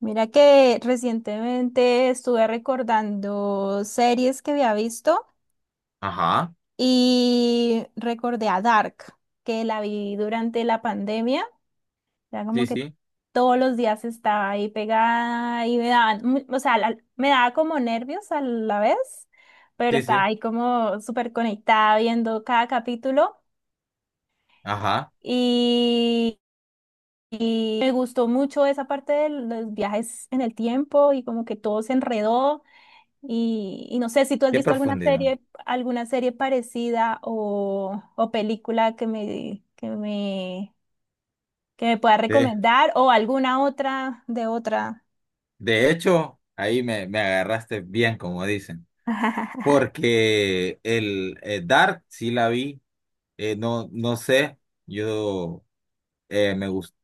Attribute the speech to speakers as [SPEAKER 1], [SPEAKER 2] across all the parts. [SPEAKER 1] Mira que recientemente estuve recordando series que había visto
[SPEAKER 2] Ajá,
[SPEAKER 1] y recordé a Dark, que la vi durante la pandemia. Era como
[SPEAKER 2] sí,
[SPEAKER 1] que
[SPEAKER 2] sí,
[SPEAKER 1] todos los días estaba ahí pegada y me daban, me daba como nervios a la vez, pero
[SPEAKER 2] sí,
[SPEAKER 1] estaba
[SPEAKER 2] sí,
[SPEAKER 1] ahí como súper conectada viendo cada capítulo
[SPEAKER 2] ajá,
[SPEAKER 1] y, y me gustó mucho esa parte de los viajes en el tiempo y como que todo se enredó. Y no sé si tú has
[SPEAKER 2] qué
[SPEAKER 1] visto
[SPEAKER 2] profundidad.
[SPEAKER 1] alguna serie parecida o película que me pueda
[SPEAKER 2] De,
[SPEAKER 1] recomendar o alguna otra de otra.
[SPEAKER 2] de hecho, ahí me agarraste bien, como dicen, porque el Dark sí la vi. No, no sé, yo eh, me gust-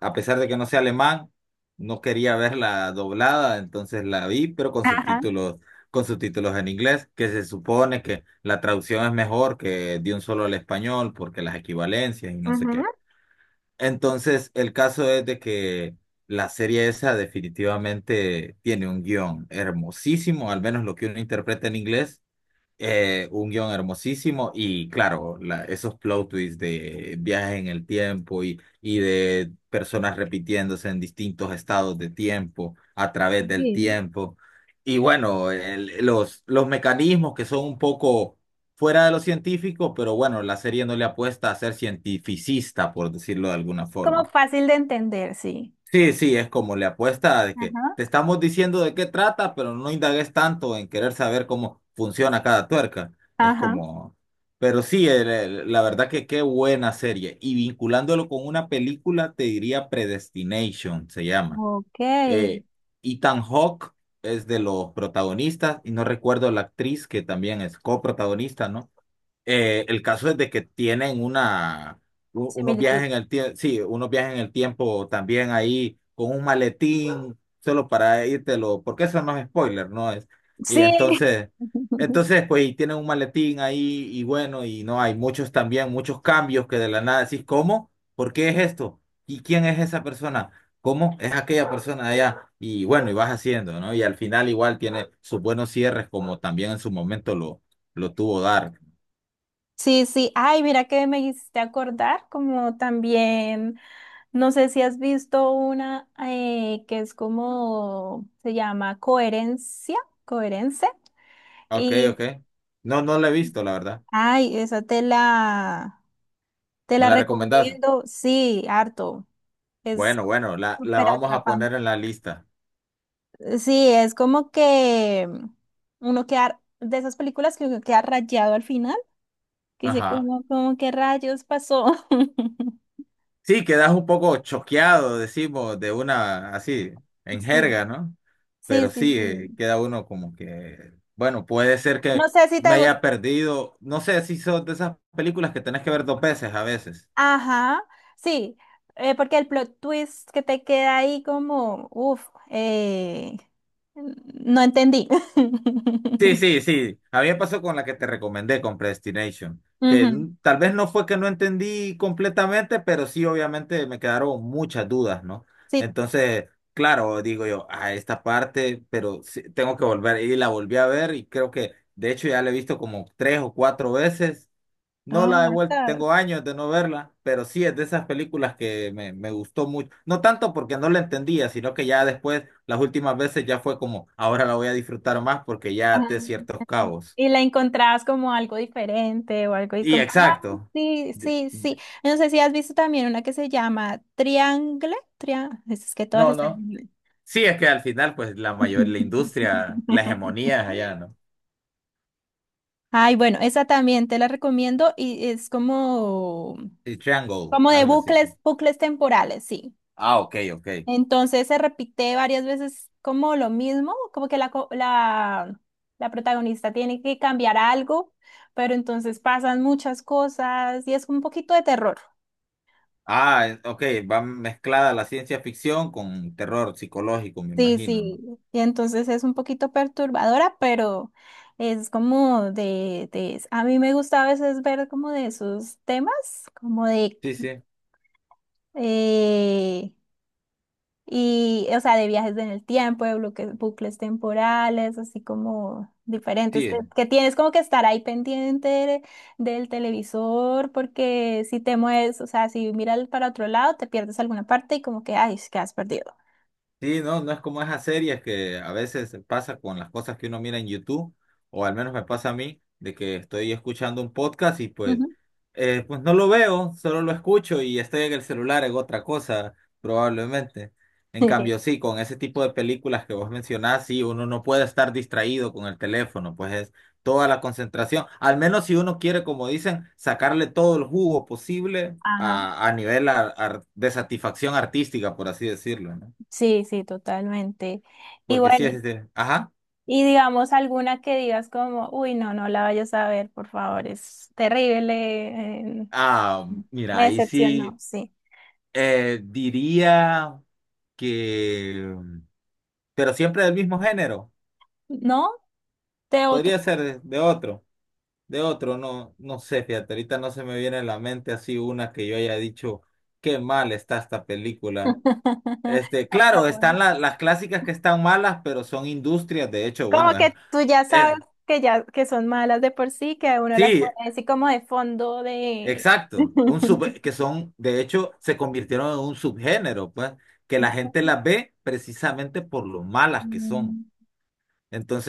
[SPEAKER 2] a pesar de que no sé alemán, no quería verla doblada, entonces la vi, pero
[SPEAKER 1] Ajá,
[SPEAKER 2] con subtítulos en inglés, que se supone que la traducción es mejor que de un solo al español, porque las equivalencias y no sé qué.
[SPEAKER 1] ujú.
[SPEAKER 2] Entonces, el caso es de que la serie esa definitivamente tiene un guión hermosísimo, al menos lo que uno interpreta en inglés. Un guión hermosísimo y claro, esos plot twists de viajes en el tiempo y de personas repitiéndose en distintos estados de tiempo, a través del
[SPEAKER 1] Sí.
[SPEAKER 2] tiempo. Y bueno, los mecanismos que son un poco fuera de lo científico, pero bueno, la serie no le apuesta a ser cientificista, por decirlo de alguna
[SPEAKER 1] Como
[SPEAKER 2] forma.
[SPEAKER 1] fácil de entender, sí.
[SPEAKER 2] Sí, sí, es como le apuesta de que
[SPEAKER 1] Ajá.
[SPEAKER 2] te estamos diciendo de qué trata, pero no indagues tanto en querer saber cómo funciona cada tuerca. Es
[SPEAKER 1] Ajá.
[SPEAKER 2] como, pero sí, la verdad que qué buena serie. Y vinculándolo con una película, te diría Predestination, se llama.
[SPEAKER 1] Ok.
[SPEAKER 2] Eh, Ethan Hawke es de los protagonistas y no recuerdo la actriz que también es coprotagonista, ¿no? El caso es de que tienen una, unos
[SPEAKER 1] Similitud.
[SPEAKER 2] viajes en el tiempo, sí, unos viajes en el tiempo también ahí con un maletín, solo para lo porque eso no es spoiler, ¿no? Es, y
[SPEAKER 1] Sí.
[SPEAKER 2] entonces, entonces, pues, y tienen un maletín ahí y bueno, y no, hay muchos también, muchos cambios que de la nada decís, ¿cómo? ¿Por qué es esto? ¿Y quién es esa persona? ¿Cómo es aquella persona de allá? Y bueno, y vas haciendo, ¿no? Y al final igual tiene sus buenos cierres, como también en su momento lo tuvo Dark.
[SPEAKER 1] Sí, sí. Ay, mira que me hiciste acordar, como también, no sé si has visto una que es como, se llama Coherencia, Coherence.
[SPEAKER 2] Ok,
[SPEAKER 1] Y,
[SPEAKER 2] ok. No, no la he visto, la verdad.
[SPEAKER 1] ay, te
[SPEAKER 2] ¿Me
[SPEAKER 1] la
[SPEAKER 2] la recomendás?
[SPEAKER 1] recomiendo, sí, harto. Es
[SPEAKER 2] Bueno, bueno, la
[SPEAKER 1] súper
[SPEAKER 2] vamos a poner
[SPEAKER 1] atrapante.
[SPEAKER 2] en la lista.
[SPEAKER 1] Sí, es como que uno queda, de esas películas que uno queda rayado al final, que dice,
[SPEAKER 2] Ajá.
[SPEAKER 1] como, como, ¿qué rayos pasó?
[SPEAKER 2] Sí, quedas un poco choqueado, decimos, de una así, en
[SPEAKER 1] Sí.
[SPEAKER 2] jerga, ¿no?
[SPEAKER 1] Sí,
[SPEAKER 2] Pero
[SPEAKER 1] sí,
[SPEAKER 2] sí,
[SPEAKER 1] sí.
[SPEAKER 2] queda uno como que, bueno, puede ser
[SPEAKER 1] No
[SPEAKER 2] que
[SPEAKER 1] sé si
[SPEAKER 2] me
[SPEAKER 1] te gusta.
[SPEAKER 2] haya perdido. No sé si son de esas películas que tenés que ver dos veces a veces.
[SPEAKER 1] Ajá, sí, porque el plot twist que te queda ahí como, uff, no entendí.
[SPEAKER 2] Sí, sí, sí. A mí me pasó con la que te recomendé, con Predestination, que
[SPEAKER 1] Ujú,
[SPEAKER 2] tal vez no fue que no entendí completamente, pero sí, obviamente me quedaron muchas dudas, ¿no?
[SPEAKER 1] sí,
[SPEAKER 2] Entonces, claro, digo yo, a esta parte, pero sí, tengo que volver y la volví a ver y creo que, de hecho, ya la he visto como tres o cuatro veces. No
[SPEAKER 1] no,
[SPEAKER 2] la he vuelto,
[SPEAKER 1] basta.
[SPEAKER 2] tengo años de no verla, pero sí es de esas películas que me gustó mucho. No tanto porque no la entendía, sino que ya después, las últimas veces ya fue como, ahora la voy a disfrutar más porque ya até ciertos
[SPEAKER 1] Ajá.
[SPEAKER 2] cabos.
[SPEAKER 1] Y la encontrabas como algo diferente o algo y es
[SPEAKER 2] Y
[SPEAKER 1] como, ay,
[SPEAKER 2] exacto.
[SPEAKER 1] sí,
[SPEAKER 2] De-
[SPEAKER 1] sí, sí.
[SPEAKER 2] de-
[SPEAKER 1] No sé si has visto también una que se llama Triangle. Tria Es que todas
[SPEAKER 2] No,
[SPEAKER 1] están en
[SPEAKER 2] no.
[SPEAKER 1] inglés.
[SPEAKER 2] Sí, es que al final, pues la mayor, la industria, la hegemonía es allá, ¿no?
[SPEAKER 1] Ay, bueno, esa también te la recomiendo y es como,
[SPEAKER 2] Y Triangle,
[SPEAKER 1] como de
[SPEAKER 2] algo así.
[SPEAKER 1] bucles, bucles temporales, sí.
[SPEAKER 2] Ah, ok, ok.
[SPEAKER 1] Entonces se repite varias veces como lo mismo, como que la protagonista tiene que cambiar algo, pero entonces pasan muchas cosas y es un poquito de terror.
[SPEAKER 2] Ah, ok, va mezclada la ciencia ficción con terror psicológico, me
[SPEAKER 1] Sí,
[SPEAKER 2] imagino, ¿no?
[SPEAKER 1] sí, y entonces es un poquito perturbadora, pero es como a mí me gusta a veces ver como de esos temas, como de
[SPEAKER 2] Sí, sí.
[SPEAKER 1] eh, y, o sea, de viajes en el tiempo, de bucles temporales, así como diferentes,
[SPEAKER 2] Sí,
[SPEAKER 1] que tienes como que estar ahí pendiente de- del televisor, porque si te mueves, o sea, si miras para otro lado, te pierdes alguna parte y como que, ay, que has perdido.
[SPEAKER 2] sí, no, no es como esas series que a veces pasa con las cosas que uno mira en YouTube, o al menos me pasa a mí, de que estoy escuchando un podcast y pues,
[SPEAKER 1] Ujú.
[SPEAKER 2] pues no lo veo, solo lo escucho y estoy en el celular en otra cosa, probablemente. En cambio, sí, con ese tipo de películas que vos mencionás, sí, uno no puede estar distraído con el teléfono, pues es toda la concentración, al menos si uno quiere, como dicen, sacarle todo el jugo posible
[SPEAKER 1] Ajá.
[SPEAKER 2] a nivel de satisfacción artística, por así decirlo, ¿no?
[SPEAKER 1] Sí, sí, totalmente. Y
[SPEAKER 2] Porque sí
[SPEAKER 1] bueno,
[SPEAKER 2] es este. Ajá.
[SPEAKER 1] y digamos alguna que digas como, uy, no, no la vayas a ver, por favor, es terrible, eh,
[SPEAKER 2] Ah, mira,
[SPEAKER 1] me
[SPEAKER 2] ahí
[SPEAKER 1] decepcionó,
[SPEAKER 2] sí
[SPEAKER 1] sí.
[SPEAKER 2] diría que. Pero siempre del mismo género.
[SPEAKER 1] ¿No? De otro.
[SPEAKER 2] Podría ser de otro. De otro, no, no sé, fíjate. Ahorita no se me viene a la mente así una que yo haya dicho, qué mal está esta película. Este, claro,
[SPEAKER 1] Apagón.
[SPEAKER 2] están las clásicas que están malas, pero son industrias. De hecho,
[SPEAKER 1] Como
[SPEAKER 2] bueno,
[SPEAKER 1] que tú ya sabes
[SPEAKER 2] eh,
[SPEAKER 1] que ya que son malas de por sí, que uno las
[SPEAKER 2] sí,
[SPEAKER 1] pone así como de fondo de.
[SPEAKER 2] exacto, que son, de hecho, se convirtieron en un subgénero, pues, que la gente las ve precisamente por lo malas que son.
[SPEAKER 1] Mm,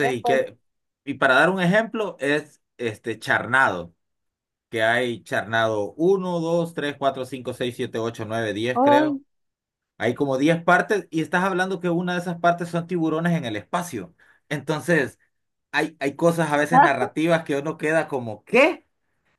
[SPEAKER 1] eh,
[SPEAKER 2] y
[SPEAKER 1] pues,
[SPEAKER 2] que, y para dar un ejemplo, es este charnado, que hay charnado 1, 2, 3, 4, 5, 6, 7, 8, 9, 10
[SPEAKER 1] ay,
[SPEAKER 2] creo. Hay como 10 partes, y estás hablando que una de esas partes son tiburones en el espacio. Entonces, hay cosas a veces
[SPEAKER 1] ah,
[SPEAKER 2] narrativas que uno queda como, ¿qué?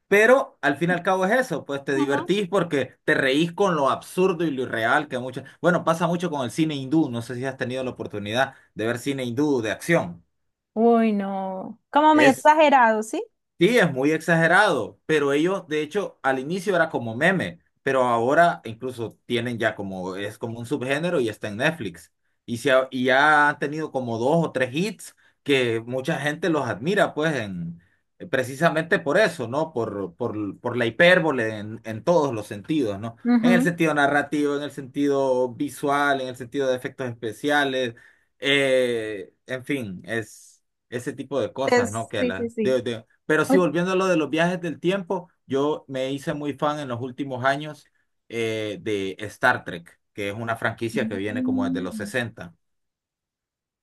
[SPEAKER 2] Pero al fin y al cabo es eso, pues te
[SPEAKER 1] ujú.
[SPEAKER 2] divertís porque te reís con lo absurdo y lo irreal que muchas... Bueno, pasa mucho con el cine hindú, no sé si has tenido la oportunidad de ver cine hindú de acción.
[SPEAKER 1] Uy, no. Como muy
[SPEAKER 2] Es
[SPEAKER 1] exagerado, ¿sí?
[SPEAKER 2] Sí, es muy exagerado, pero ellos, de hecho, al inicio era como meme, pero ahora incluso tienen ya como, es como un subgénero y está en Netflix. Y, y ya han tenido como dos o tres hits que mucha gente los admira, pues, en, precisamente por eso, ¿no? Por la hipérbole en todos los sentidos, ¿no? En el
[SPEAKER 1] Ujú,
[SPEAKER 2] sentido narrativo, en el sentido visual, en el sentido de efectos especiales, en fin, es ese tipo de cosas, ¿no? Que
[SPEAKER 1] sí, sí,
[SPEAKER 2] la,
[SPEAKER 1] sí.
[SPEAKER 2] de- Pero sí,
[SPEAKER 1] Uy,
[SPEAKER 2] volviendo a lo de los viajes del tiempo, yo me hice muy fan en los últimos años de Star Trek, que es una franquicia que viene como desde los
[SPEAKER 1] mm,
[SPEAKER 2] 60.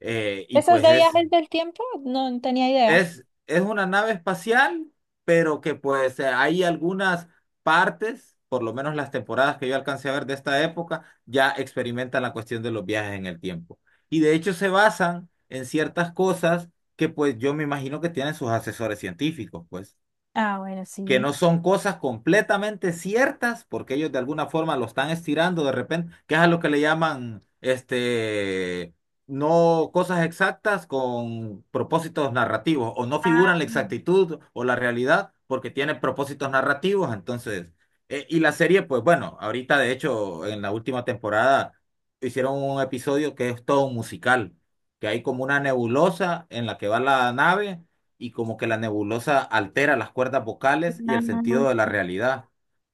[SPEAKER 2] Y
[SPEAKER 1] ¿esos
[SPEAKER 2] pues
[SPEAKER 1] de
[SPEAKER 2] es,
[SPEAKER 1] viajes del tiempo? No, no tenía idea.
[SPEAKER 2] es una nave espacial, pero que pues hay algunas partes, por lo menos las temporadas que yo alcancé a ver de esta época, ya experimentan la cuestión de los viajes en el tiempo. Y de hecho se basan en ciertas cosas que pues yo me imagino que tienen sus asesores científicos, pues,
[SPEAKER 1] Ah, bueno,
[SPEAKER 2] que
[SPEAKER 1] sí.
[SPEAKER 2] no son cosas completamente ciertas, porque ellos de alguna forma lo están estirando de repente, que es a lo que le llaman, este, no cosas exactas con propósitos narrativos, o no figuran
[SPEAKER 1] Ah,
[SPEAKER 2] la exactitud o la realidad porque tienen propósitos narrativos, entonces, y la serie, pues bueno, ahorita de hecho en la última temporada hicieron un episodio que es todo un musical, que hay como una nebulosa en la que va la nave y como que la nebulosa altera las cuerdas vocales y
[SPEAKER 1] ah,
[SPEAKER 2] el sentido de la realidad.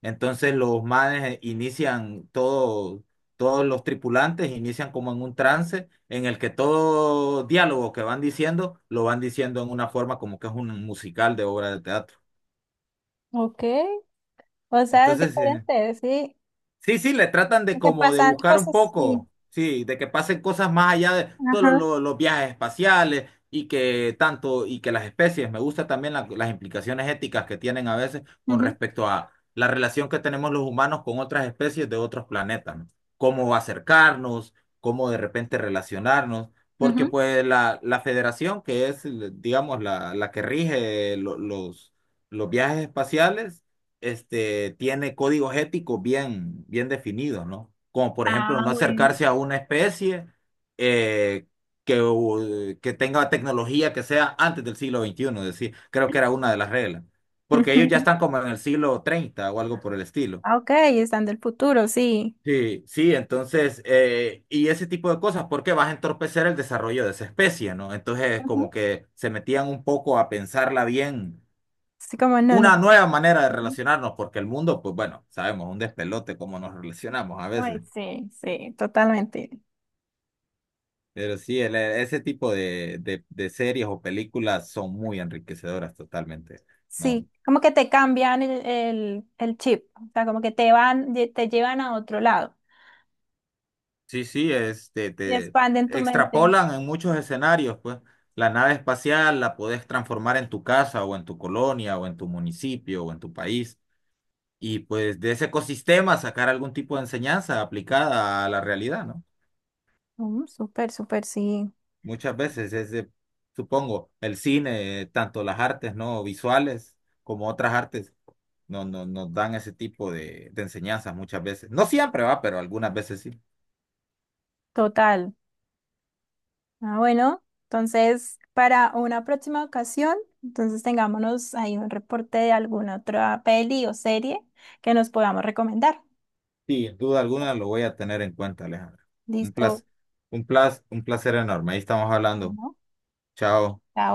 [SPEAKER 2] Entonces los manes inician todo, todos los tripulantes inician como en un trance en el que todo diálogo que van diciendo lo van diciendo en una forma como que es un musical de obra de teatro.
[SPEAKER 1] ok. O sea, es
[SPEAKER 2] Entonces,
[SPEAKER 1] diferente, sí.
[SPEAKER 2] sí, sí, le tratan de
[SPEAKER 1] Aunque
[SPEAKER 2] como de
[SPEAKER 1] pasan
[SPEAKER 2] buscar un
[SPEAKER 1] cosas, sí.
[SPEAKER 2] poco, sí, de que pasen cosas más allá de todos
[SPEAKER 1] Ajá,
[SPEAKER 2] los viajes espaciales y que tanto, y que las especies, me gusta también las implicaciones éticas que tienen a veces con
[SPEAKER 1] ujú,
[SPEAKER 2] respecto a la relación que tenemos los humanos con otras especies de otros planetas, ¿no? Cómo acercarnos, cómo de repente relacionarnos, porque
[SPEAKER 1] ujú.
[SPEAKER 2] pues la federación que es, digamos, la que rige los viajes espaciales, este, tiene códigos éticos bien, bien definidos, ¿no? Como por ejemplo,
[SPEAKER 1] Ah,
[SPEAKER 2] no
[SPEAKER 1] bueno.
[SPEAKER 2] acercarse a una especie eh, que, que tenga tecnología que sea antes del siglo XXI, decir, creo que era una de las reglas, porque ellos ya están como en el siglo 30 o algo por el estilo.
[SPEAKER 1] Ok, están del futuro, sí.
[SPEAKER 2] Sí, sí, entonces, y ese tipo de cosas, porque vas a entorpecer el desarrollo de esa especie, ¿no? Entonces, como
[SPEAKER 1] Ujú.
[SPEAKER 2] que se metían un poco a pensarla bien,
[SPEAKER 1] Así como, no, no.
[SPEAKER 2] una nueva manera de
[SPEAKER 1] Ujú.
[SPEAKER 2] relacionarnos, porque el mundo, pues bueno, sabemos, un despelote cómo nos relacionamos a
[SPEAKER 1] Ay,
[SPEAKER 2] veces.
[SPEAKER 1] sí, sí, totalmente.
[SPEAKER 2] Pero sí, ese tipo de, de series o películas son muy enriquecedoras totalmente, ¿no?
[SPEAKER 1] Sí, como que te cambian el chip, o sea, como que te van, te llevan a otro lado
[SPEAKER 2] Sí, sí, este,
[SPEAKER 1] y
[SPEAKER 2] te
[SPEAKER 1] expanden tu mente.
[SPEAKER 2] extrapolan en muchos escenarios, pues. La nave espacial la podés transformar en tu casa o en tu colonia o en tu municipio o en tu país. Y pues de ese ecosistema sacar algún tipo de enseñanza aplicada a la realidad, ¿no?
[SPEAKER 1] Mm, súper, súper, sí,
[SPEAKER 2] Muchas veces es de, supongo, el cine, tanto las artes no visuales como otras artes, no, nos dan ese tipo de enseñanzas muchas veces. No siempre va, pero algunas veces sí.
[SPEAKER 1] total. Ah, bueno, entonces para una próxima ocasión, entonces tengámonos ahí un reporte de alguna otra peli o serie que nos podamos recomendar.
[SPEAKER 2] Sí, sin duda alguna lo voy a tener en cuenta, Alejandra. Un
[SPEAKER 1] Listo,
[SPEAKER 2] placer, un placer, un placer enorme. Ahí estamos hablando.
[SPEAKER 1] ¿no?
[SPEAKER 2] Chao.
[SPEAKER 1] Chao.